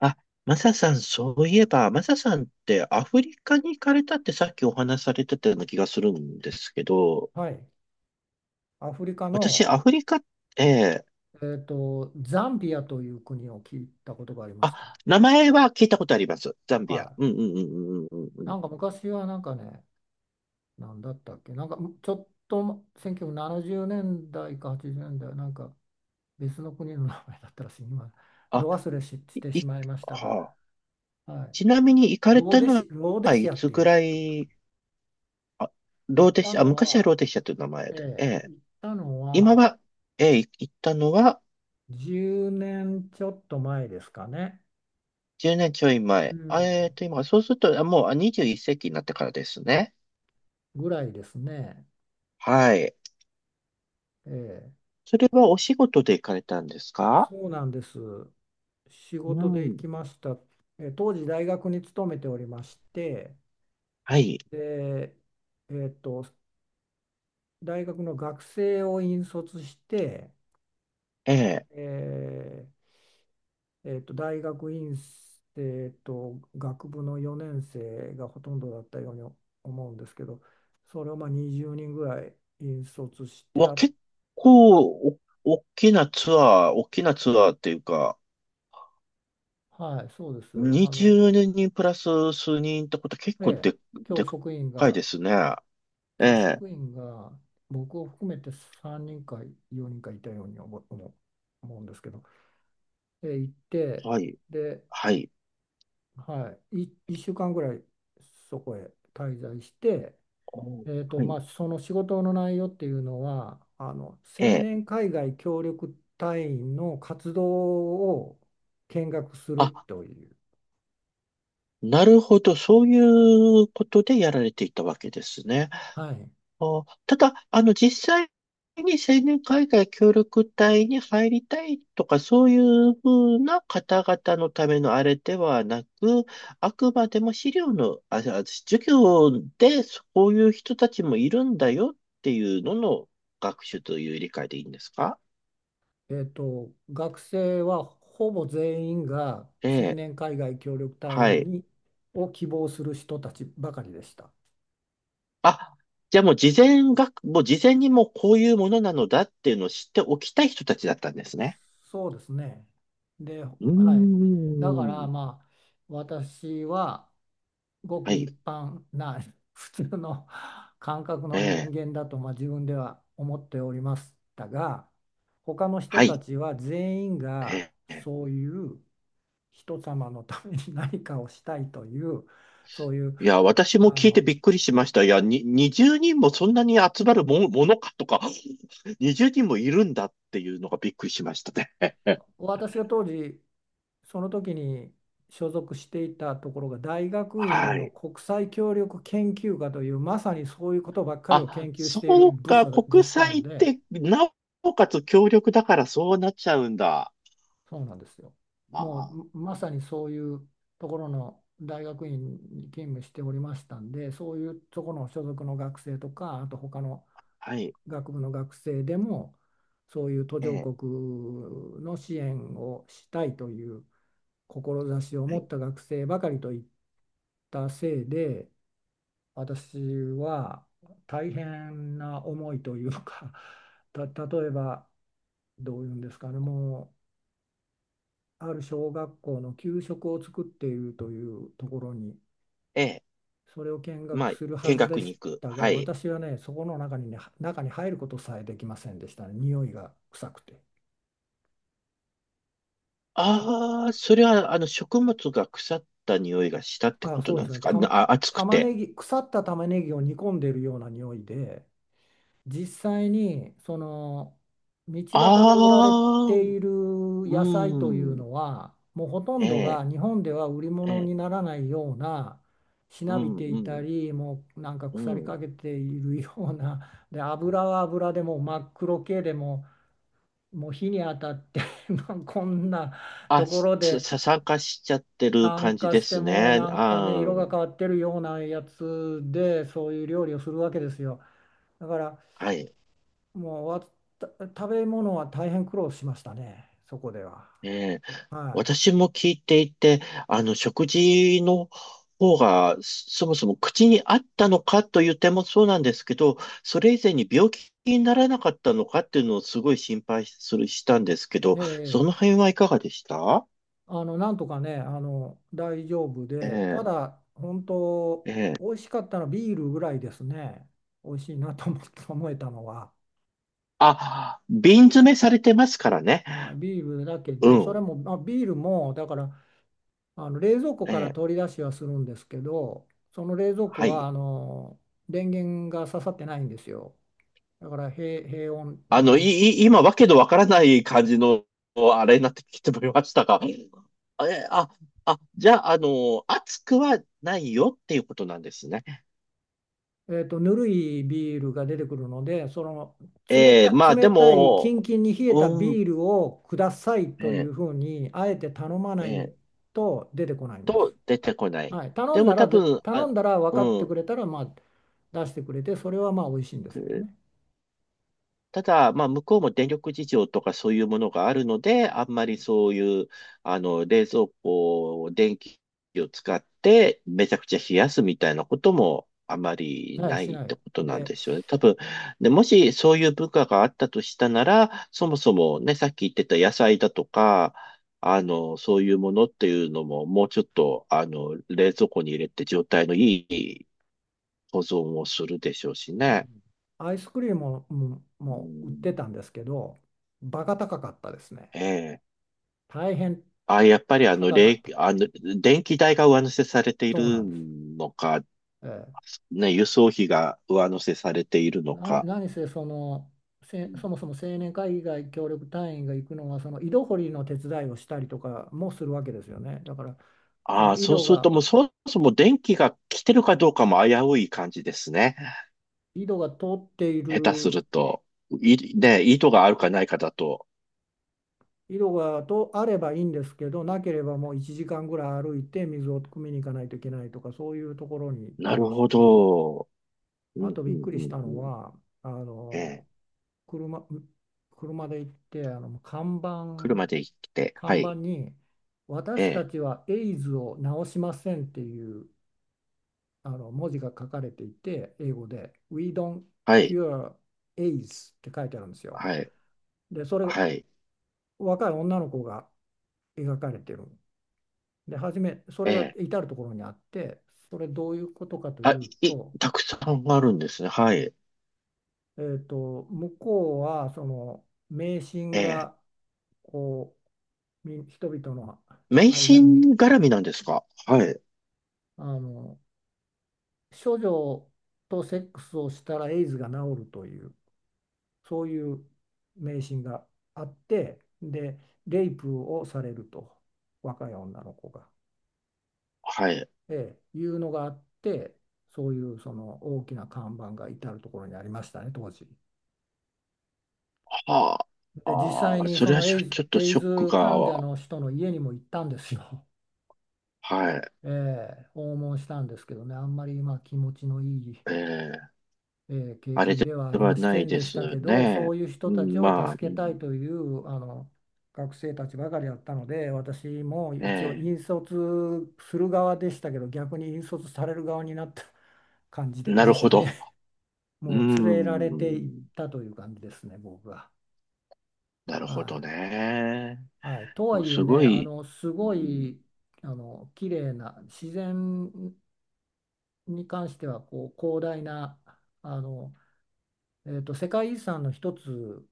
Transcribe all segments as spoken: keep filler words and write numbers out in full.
あ、マサさん、そういえば、マサさんってアフリカに行かれたってさっきお話しされてたような気がするんですけど、はい。アフリカ私、の、アフリカって、えーと、ザンビアという国を聞いたことがありまあ、すか？名前は聞いたことあります。ザンはビア。い。うんうんうんうんうんうんうん。なんか昔はなんかね、なんだったっけ、なんかむちょっとせんきゅうひゃくななじゅうねんだいかはちじゅうねんだい、なんか別の国の名前だったらしい、今、どあ、忘れし、しい、ていしまいましたが、はあ、はい。ちなみに行かれローたデのシ、ローデはシいアっつていぐうんでら言っとった。い、あ、行ローっテたシア、あ、の昔はは、ローテシアという名前えで、ええ、え、行ったの今はは、ええ、い行ったのはじゅうねんちょっと前ですかね。じゅうねんちょいう前。あん。えっと、今、そうすると、あもうあにじゅういっ世紀になってからですね。ぐらいですね。はい。ええ、それはお仕事で行かれたんですか？そうなんです。仕う事で行ん。きました。えー当時大学に勤めておりまして、はい。で、えーっと、大学の学生を引率して、ええ。えーえーっと、大学院生と学部のよねん生がほとんどだったように思うんですけど、それをまあにじゅうにんぐらい引率してわ、あ、結構、お、大きなツアー、大きなツアーっていうか、はい、そうです。あの、にじゅうにんプラス数人ってこと結え構え、で、教で職員かいがですね。え教え。職員が僕を含めてさんにんかよにんかいたように思う、思う思うんですけど、で、行って、はい。で、はい。はい、い、いっしゅうかんぐらいそこへ滞在して、おえーと、はい。まあ、その仕事の内容っていうのは、あの青ええ。年海外協力隊員の活動を見学するあ、という。なるほど。そういうことでやられていたわけですね。はい。あー、ただ、あの、実際に青年海外協力隊に入りたいとか、そういうふうな方々のためのあれではなく、あくまでも資料の、あ、あ授業でそういう人たちもいるんだよっていうのの学習という理解でいいんですか？えっと、学生はほぼ全員がえ青え、年海外協力隊は員い。にを希望する人たちばかりでした。あ、じゃあもう事前学、もう事前にもうこういうものなのだっていうのを知っておきたい人たちだったんですね。そうですね。で、うはい。だからーん。まあ私はごはくい。一般な 普通の感覚えの人え。間だとまあ自分では思っておりましたが、他の人はたい。ちは全員がええ、そういう人様のために何かをしたいという、そういう。いや、私もあ聞いてのびっくりしました。いや、に、にじゅうにんもそんなに集まるも、ものかとか、にじゅうにんもいるんだっていうのがびっくりしましたね。私が当時その時に所属していたところが大学院はのい。国際協力研究科という、まさにそういうことばっかりをあ、研究しそているう部か、署で国した際のっで。て、なおかつ協力だからそうなっちゃうんだ。そうなんですよ。まもあ、うまさにそういうところの大学院に勤務しておりましたんで、そういうところの所属の学生とかあと他のはい。学部の学生でも、そういう途え上え、国の支援をしたいという志をは持っい。た学生ばかりといったせいで、私は大変な思いというか、 た例えばどういうんですかね、もうある小学校の給食を作っているというところに、ええ、それを見ま学あ、するは見ずで学しに行く。たはが、い。私はねそこの中にね、中に入ることさえできませんでしたね、匂いが臭くて。たああ、それは、あの、食物が腐った匂いがしたってあことそうなでんですすね。か、なたあ、暑く玉て。ねぎ腐った玉ねぎを煮込んでいるような匂いで、実際にその道端で売られあてあ、いるう野菜というん。のはもうほとえんどえ、が日本では売りえ物え、にならないような、しうなびん、てういたん、りもうなんかう腐りん。かけているような、で油は油でもう真っ黒系でも、もう火に当たって まあこんなあ、とこさ、ろでさ参加しちゃってる酸感じ化でしてすもうね。なんかあね色がー、変わってるようなやつで、そういう料理をするわけですよ。だからはい。もうわた食べ物は大変苦労しましたね、そこでは。ええ、は私も聞いていて、あの、食事の方が、そそもそも口に合ったのかという点もそうなんですけど、それ以前に病気にならなかったのかっていうのをすごい心配する、したんですけど、い。えそえ、の辺はいかがでした？あの、なんとかね、あの、大丈夫で、たえだ、本当、え、ええ。美味しかったのはビールぐらいですね。美味しいなと思って 思えたのは。あ、瓶詰めされてますからね。はい、ビールだけうで、それん。も、まあ、ビールも、だから、あの、冷蔵庫えからえ、取り出しはするんですけど、その冷蔵庫はい。は、あの、電源が刺さってないんですよ。だから平、平穏あの、い、の、い、今、わけのわからない感じの、あれになってきてもらいましたが、え、あ、あ、じゃあ、あの、暑くはないよっていうことなんですね。えーと、ぬるいビールが出てくるので、その冷ええ、た、まあ、で冷たい、キンも、キンに冷えたうん、ビールをくださいえというえ、ふうに、あえて頼まなえいえ、と出てこないんです。と、出てこない。はい、頼でんも、だ多らで、分、頼んあ、だら分かっうてん、くれたら、まあ、出してくれて、それはまあ美味しいんですよね。ただ、まあ、向こうも電力事情とかそういうものがあるので、あんまりそういう、あの、冷蔵庫を電気を使ってめちゃくちゃ冷やすみたいなこともあまりはい、なしいっなてい。ことなんで、ですよね。多分、で、もしそういう文化があったとしたなら、そもそもね、さっき言ってた野菜だとか、あの、そういうものっていうのも、もうちょっと、あの、冷蔵庫に入れて状態のいい保存をするでしょうしうね。ん、アイスクリームも、もうもう売ってん、たんですけど、バカ高かったですね。ええ、大変あ、やっぱりあの、高かれっい、た。あの、電気代が上乗せされていそうなるんです。のか、ええ、ね、輸送費が上乗せされているの何、か。何せ、そのうせん、そもそも青年会議外協力隊員が行くのはその井戸掘りの手伝いをしたりとかもするわけですよね。だからそあのあ、井そう戸するとが、もうそもそも電気が来てるかどうかも危うい感じですね。井戸が通ってい下手するると。い、ね、意図があるかないかだと。井戸がとあればいいんですけど、なければもういちじかんぐらい歩いて水を汲みに行かないといけないとか、そういうところに行っなたるりしほて、ど。うあん、とうびっん、くうりしん、たうのん。はあえのえ。車、う車で行って、あの看板、車で行って、は看板い。にえ「私たえ。ちはエイズを治しません」っていう、あの文字が書かれていて、英語で「We don't はい。cure AIDS」って書いてあるんですよ。はい。でそれをはい。若い女の子が描かれてる。で初めそえれがえ。至る所にあって、それどういうことかとあ、いうい、と、たくさんあるんですね。はい。えーと、向こうはその迷信ええ。が、こうみ人々の迷間信に絡みなんですか？はい。あの処女とセックスをしたらエイズが治るという、そういう迷信があってで、レイプをされると若い女の子が、はい。ええ、いうのがあって、そういうその大きな看板が至るところにありましたね、当時。はあ。で実際ああ、にそそれはのしエょ、イズ、ちょっとエイショックズ患者が、の人の家にも行ったんですよ。はい。ええ訪問したんですけどね、あんまりまあ気持ちのいい、ええ、ええ経験ではあでりはまなせいんででしたすけど、そね。ういう人うたちん、をまあ、う助けたいん、というあの学生たちばかりだったので、私も一応え引率する側でしたけど、逆に引率される側になった 感じえ、で、なるでしほたど。ね。うーもう連れられていっん、たという感じですね、僕は。なるはほどい。ね。はい、とではもいえすね、ごあい、のすうごん、い、あの綺麗な自然に関しては、こう広大なあの、えーと、世界遺産の一つ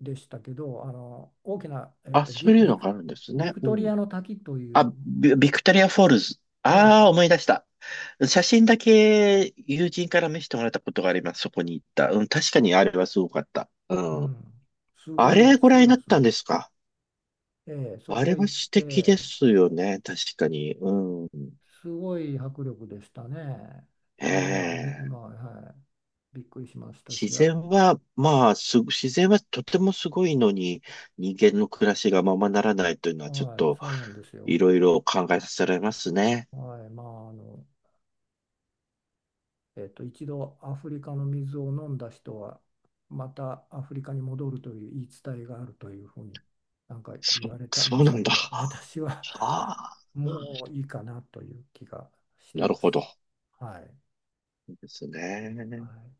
でしたけど、あの大きな、えーあ、と、そビ、ういうビのがク、あるんですビね。クうトリん、アの滝という。あ、ビビクトリアフォールズ。あはあ、思い出した。写真だけ友人から見せてもらったことがあります。そこに行った。うん、確かにあれはすごかった。うい、うん。ん、すあごい、れごす覧にごいなでっすたんね。ですか？ええ、そあこれ行はっ素て、敵ですよね。確かに。うん。すごい迫力でしたね。えあれはみ、え。まあ、はい、びっくりしましたし、自あ、然は、まあ、す、自然はとてもすごいのに、人間の暮らしがままならないというのは、ちょっはい、と、そうなんですよ。いろいろ考えさせられますね。はい、まあ、あの、えっと、一度アフリカの水を飲んだ人は、またアフリカに戻るという言い伝えがあるというふうになんかそ、言われてそまうしなたんけだ。ど、私は あ あ、もういいかなという気がしてなるまほす。ど。はい。ですはね。い。